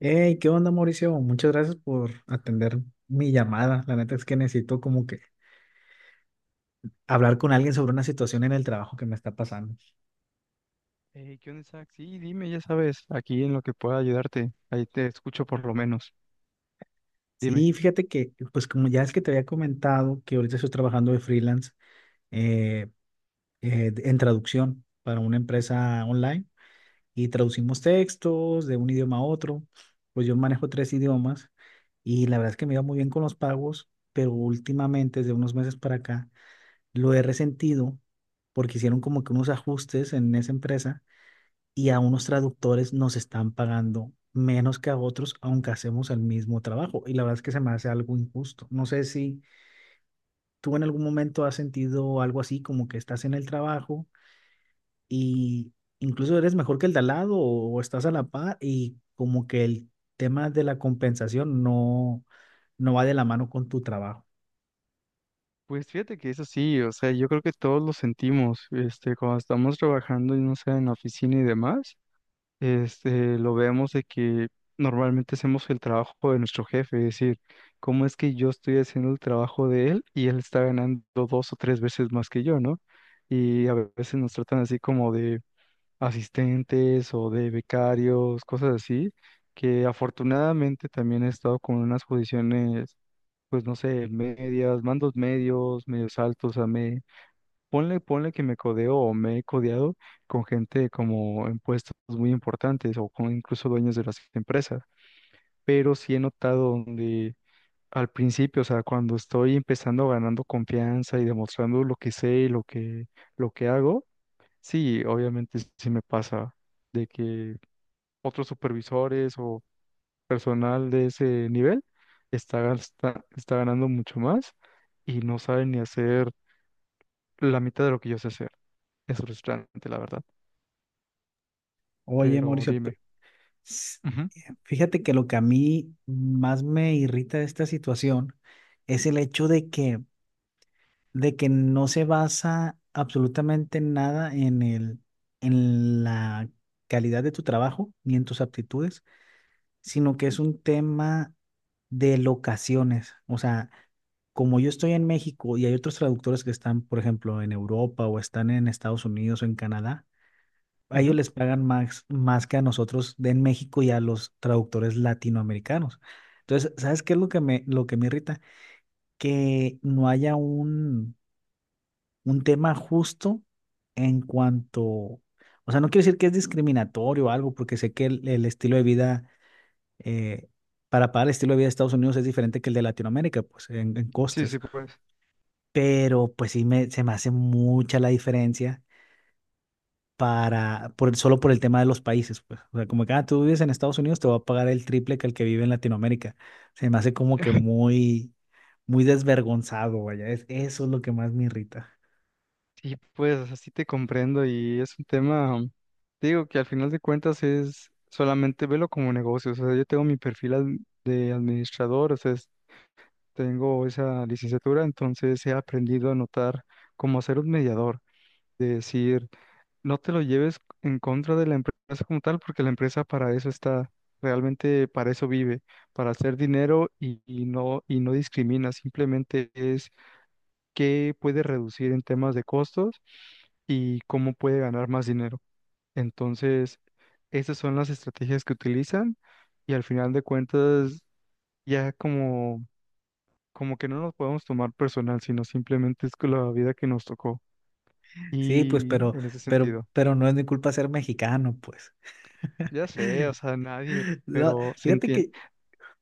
Hey, ¿qué onda, Mauricio? Muchas gracias por atender mi llamada. La neta es que necesito como que hablar con alguien sobre una situación en el trabajo que me está pasando. Hey, ¿qué onda, Isaac? Sí, dime, ya sabes, aquí en lo que pueda ayudarte. Ahí te escucho por lo menos. Dime. Sí, fíjate que, pues como ya es que te había comentado que ahorita estoy trabajando de freelance eh, en traducción para una Mm. empresa online y traducimos textos de un idioma a otro. Pues yo manejo tres idiomas y la verdad es que me iba muy bien con los pagos, pero últimamente, desde unos meses para acá, lo he resentido porque hicieron como que unos ajustes en esa empresa y a unos traductores nos están pagando menos que a otros, aunque hacemos el mismo trabajo. Y la verdad es que se me hace algo injusto. No sé si tú en algún momento has sentido algo así, como que estás en el trabajo y incluso eres mejor que el de al lado o estás a la par y como que el tema de la compensación no va de la mano con tu trabajo. Pues fíjate que eso sí, o sea, yo creo que todos lo sentimos, cuando estamos trabajando, y no sé, en la oficina y demás, lo vemos de que normalmente hacemos el trabajo de nuestro jefe, es decir, ¿cómo es que yo estoy haciendo el trabajo de él y él está ganando dos o tres veces más que yo?, ¿no? Y a veces nos tratan así como de asistentes o de becarios, cosas así, que afortunadamente también he estado con unas posiciones, pues no sé, medias, mandos medios, medios altos, ponle que me codeo o me he codeado con gente como en puestos muy importantes o con incluso dueños de las empresas, pero sí he notado donde al principio, o sea, cuando estoy empezando ganando confianza y demostrando lo que sé y lo que hago, sí, obviamente sí me pasa de que otros supervisores o personal de ese nivel está ganando mucho más y no saben ni hacer la mitad de lo que yo sé hacer. Es frustrante, la verdad. Oye, Pero Mauricio, dime. S- Ujú, fíjate que lo que a mí más me irrita de esta situación es el hecho de que no se basa absolutamente en nada en en la calidad de tu trabajo ni en tus aptitudes, sino que es un tema de locaciones. O sea, como yo estoy en México y hay otros traductores que están, por ejemplo, en Europa o están en Estados Unidos o en Canadá, a ellos ujú. les pagan más, más que a nosotros de en México y a los traductores latinoamericanos. Entonces, ¿sabes qué es lo que lo que me irrita? Que no haya un tema justo en cuanto, o sea, no quiero decir que es discriminatorio o algo, porque sé que el estilo de vida, eh, para pagar el estilo de vida de Estados Unidos es diferente que el de Latinoamérica, pues en Sí, costes, sí, pues. pero pues se me hace mucha la diferencia solo por el tema de los países, pues. O sea, como que, ah, tú vives en Estados Unidos, te va a pagar el triple que el que vive en Latinoamérica. Se me hace como que muy desvergonzado, vaya. Eso es lo que más me irrita. Sí, pues así te comprendo y es un tema, te digo que al final de cuentas es solamente velo como negocio. O sea, yo tengo mi perfil de administrador, o sea, tengo esa licenciatura, entonces he aprendido a notar cómo hacer un mediador, de decir, no te lo lleves en contra de la empresa como tal, porque la empresa para eso está, realmente para eso vive, para hacer dinero y no discrimina, simplemente es qué puede reducir en temas de costos y cómo puede ganar más dinero. Entonces, esas son las estrategias que utilizan y al final de cuentas, ya como, como que no nos podemos tomar personal, sino simplemente es que la vida que nos tocó Sí, pues, y en ese sentido. pero no es mi culpa ser mexicano, pues. Ya sé, o sea, nadie, No, pero se fíjate entiende. que,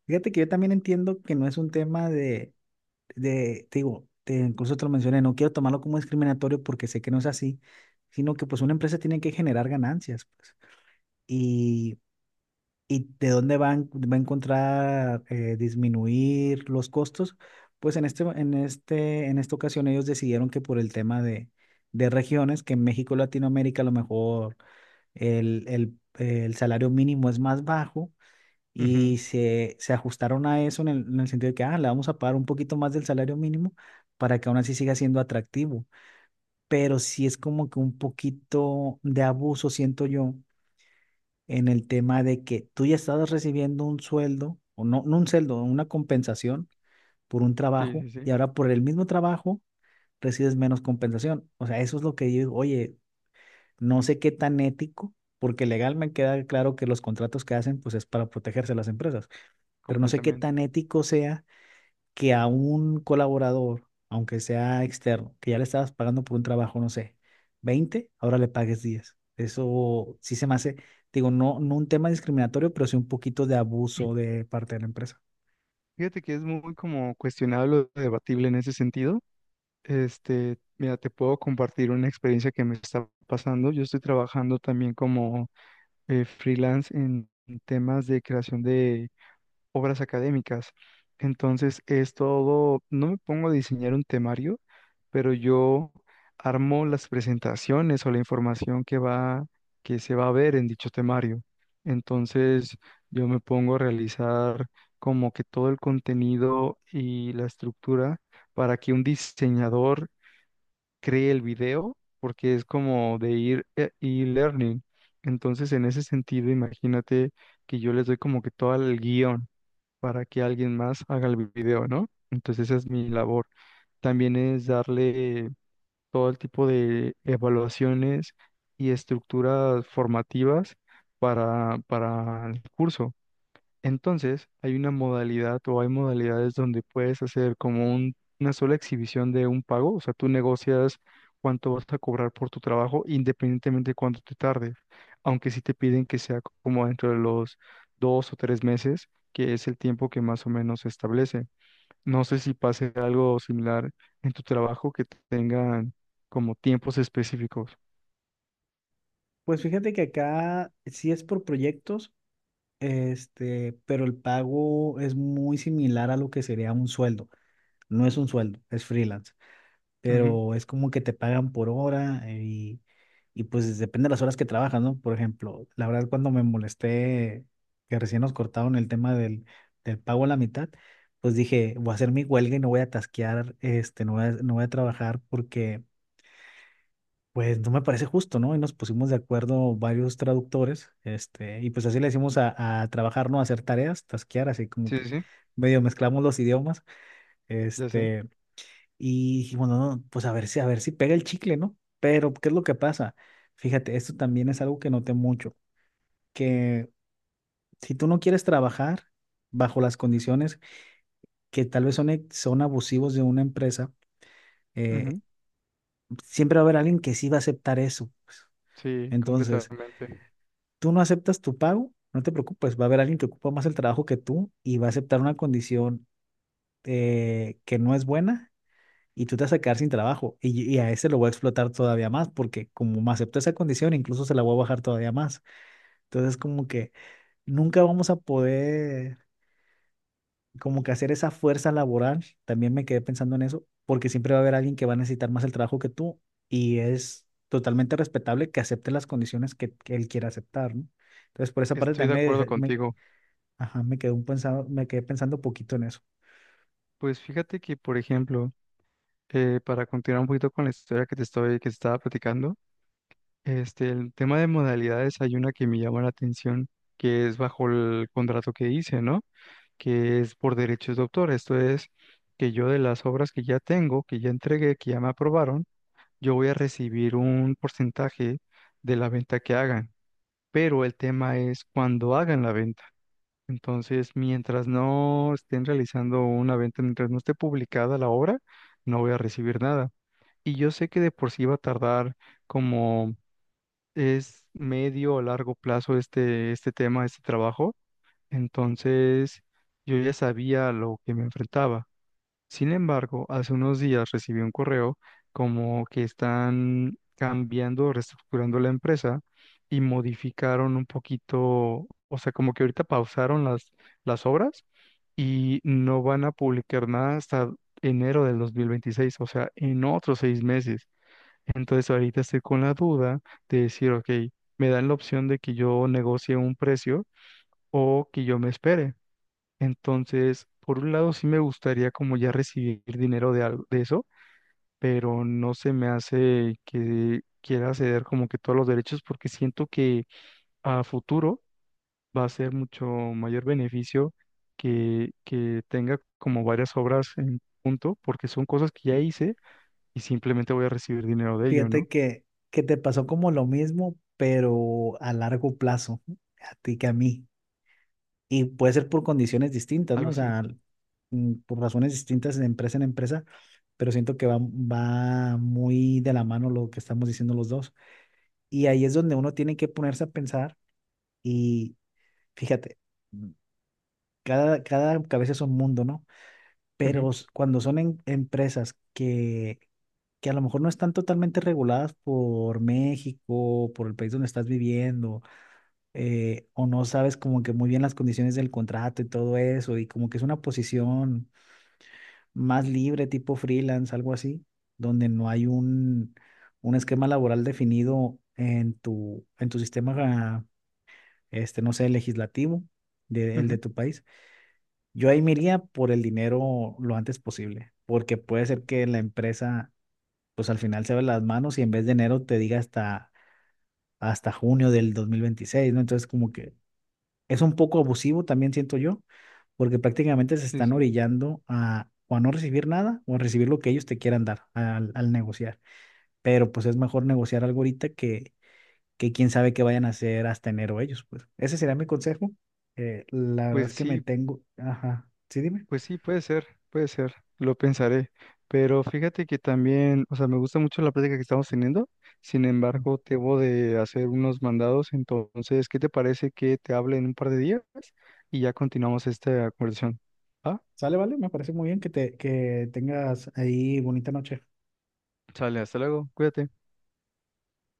fíjate que yo también entiendo que no es un tema te digo, incluso te lo mencioné, no quiero tomarlo como discriminatorio porque sé que no es así, sino que pues una empresa tiene que generar ganancias, pues. ¿Y de dónde va a encontrar disminuir los costos? Pues en en esta ocasión ellos decidieron que por el tema de regiones, que en México, y Latinoamérica, a lo mejor el salario mínimo es más bajo Ujú, y se ajustaron a eso en en el sentido de que, ah, le vamos a pagar un poquito más del salario mínimo para que aún así siga siendo atractivo. Pero sí es como que un poquito de abuso, siento yo en el tema de que tú ya estabas recibiendo un sueldo, o no, no un sueldo, una compensación por un sí, trabajo, sí, y sí, ahora por el mismo trabajo recibes menos compensación. O sea, eso es lo que yo digo, oye, no sé qué tan ético, porque legal me queda claro que los contratos que hacen, pues es para protegerse a las empresas, pero no sé qué tan completamente. ético sea que a un colaborador, aunque sea externo, que ya le estabas pagando por un trabajo, no sé, 20 ahora le pagues diez. Eso sí se me hace, digo, no un tema discriminatorio, pero sí un poquito de abuso de parte de la empresa. Fíjate que es muy como cuestionable o debatible en ese sentido. Mira, te puedo compartir una experiencia que me está pasando. Yo estoy trabajando también como freelance en temas de creación de obras académicas. Entonces es todo, no me pongo a diseñar un temario, pero yo armo las presentaciones o la información que va, que se va a ver en dicho temario. Entonces yo me pongo a realizar como que todo el contenido y la estructura para que un diseñador cree el video, porque es como de ir e-learning. Entonces, en ese sentido, imagínate que yo les doy como que todo el guión para que alguien más haga el video, ¿no? Entonces esa es mi labor. También es darle todo el tipo de evaluaciones y estructuras formativas para el curso. Entonces, hay una modalidad o hay modalidades donde puedes hacer como una sola exhibición de un pago, o sea, tú negocias cuánto vas a cobrar por tu trabajo independientemente de cuánto te tardes, aunque sí te piden que sea como dentro de los 2 o 3 meses, que es el tiempo que más o menos se establece. No sé si pase algo similar en tu trabajo que tengan como tiempos específicos. Pues fíjate que acá sí es por proyectos, este, pero el pago es muy similar a lo que sería un sueldo. No es un sueldo, es freelance, Ujú, pero es como que te pagan por hora y pues depende de las horas que trabajas, ¿no? Por ejemplo, la verdad cuando me molesté que recién nos cortaron el tema del pago a la mitad, pues dije, voy a hacer mi huelga y no voy a tasquear, este, no voy a trabajar porque pues no me parece justo, ¿no? Y nos pusimos de acuerdo varios traductores, este, y pues así le decimos a trabajar, ¿no? A hacer tareas, tasquear, así como sí, que sí, sí, medio mezclamos los idiomas, ya sé. este... Y dije, bueno, no, pues a ver si pega el chicle, ¿no? Pero, ¿qué es lo que pasa? Fíjate, esto también es algo que noté mucho, que si tú no quieres trabajar bajo las condiciones que tal vez son abusivos de una empresa, eh, Ujú, siempre va a haber alguien que sí va a aceptar eso, pues. sí, Entonces, completamente. tú no aceptas tu pago, no te preocupes, va a haber alguien que ocupa más el trabajo que tú y va a aceptar una condición que no es buena y tú te vas a quedar sin trabajo. Y a ese lo voy a explotar todavía más, porque como me aceptó esa condición, incluso se la voy a bajar todavía más. Entonces, como que nunca vamos a poder, como que hacer esa fuerza laboral, también me quedé pensando en eso, porque siempre va a haber alguien que va a necesitar más el trabajo que tú y es totalmente respetable que acepte las condiciones que él quiera aceptar, ¿no? Entonces, por esa parte Estoy de también acuerdo contigo. ajá, me quedé pensando poquito en eso. Pues fíjate que, por ejemplo, para continuar un poquito con la historia que te estaba platicando, el tema de modalidades hay una que me llama la atención, que es bajo el contrato que hice, ¿no? Que es por derechos de autor. Esto es que yo de las obras que ya tengo, que ya entregué, que ya me aprobaron, yo voy a recibir un porcentaje de la venta que hagan. Pero el tema es cuando hagan la venta. Entonces, mientras no estén realizando una venta, mientras no esté publicada la obra, no voy a recibir nada. Y yo sé que de por sí va a tardar como es medio o largo plazo este tema, este trabajo. Entonces, yo ya sabía a lo que me enfrentaba. Sin embargo, hace unos días recibí un correo como que están cambiando, reestructurando la empresa y modificaron un poquito, o sea, como que ahorita pausaron las obras y no van a publicar nada hasta enero del 2026, o sea, en otros 6 meses. Entonces ahorita estoy con la duda de decir, ok, me dan la opción de que yo negocie un precio o que yo me espere. Entonces, por un lado sí me gustaría como ya recibir dinero de algo de eso, pero no se me hace que quiera ceder como que todos los derechos porque siento que a futuro va a ser mucho mayor beneficio que tenga como varias obras en punto, porque son cosas que ya Y- hice y simplemente voy a recibir dinero de ello, Fíjate ¿no? Que te pasó como lo mismo, pero a largo plazo, a ti que a mí. Y puede ser por condiciones distintas, ¿no? Algo O así. sea, mm, por razones distintas de empresa en empresa, pero siento que va muy de la mano lo que estamos diciendo los dos. Y ahí es donde uno tiene que ponerse a pensar y fíjate, mm, cada cabeza es un mundo, ¿no? Ujú, Pero cuando son empresas que a lo mejor no están totalmente reguladas por México, por el país donde estás viviendo, o no sabes como que muy bien las condiciones del contrato y todo eso, y como que es una posición más libre, tipo freelance, algo así, donde no hay un esquema laboral definido en en tu sistema, este, no sé, legislativo el ujú. de tu país. Yo ahí me iría por el dinero lo antes posible, porque puede ser que la empresa pues al final se ven las manos y en vez de enero te diga hasta junio del 2026, ¿no? Entonces como que es un poco abusivo también siento yo, porque prácticamente se Sí, están sí. orillando a o a no recibir nada o a recibir lo que ellos te quieran dar al negociar. Pero pues es mejor negociar algo ahorita que quién sabe qué vayan a hacer hasta enero ellos, pues. Ese sería mi consejo. La verdad es Pues que me sí, tengo, ajá, sí, dime. pues sí, puede ser, lo pensaré. Pero fíjate que también, o sea, me gusta mucho la plática que estamos teniendo. Sin embargo, debo de hacer unos mandados. Entonces, ¿qué te parece que te hable en un par de días? Y ya continuamos esta conversación. Ah, Sale, vale, me parece muy bien que tengas ahí bonita noche. sale, hasta luego, cuídate.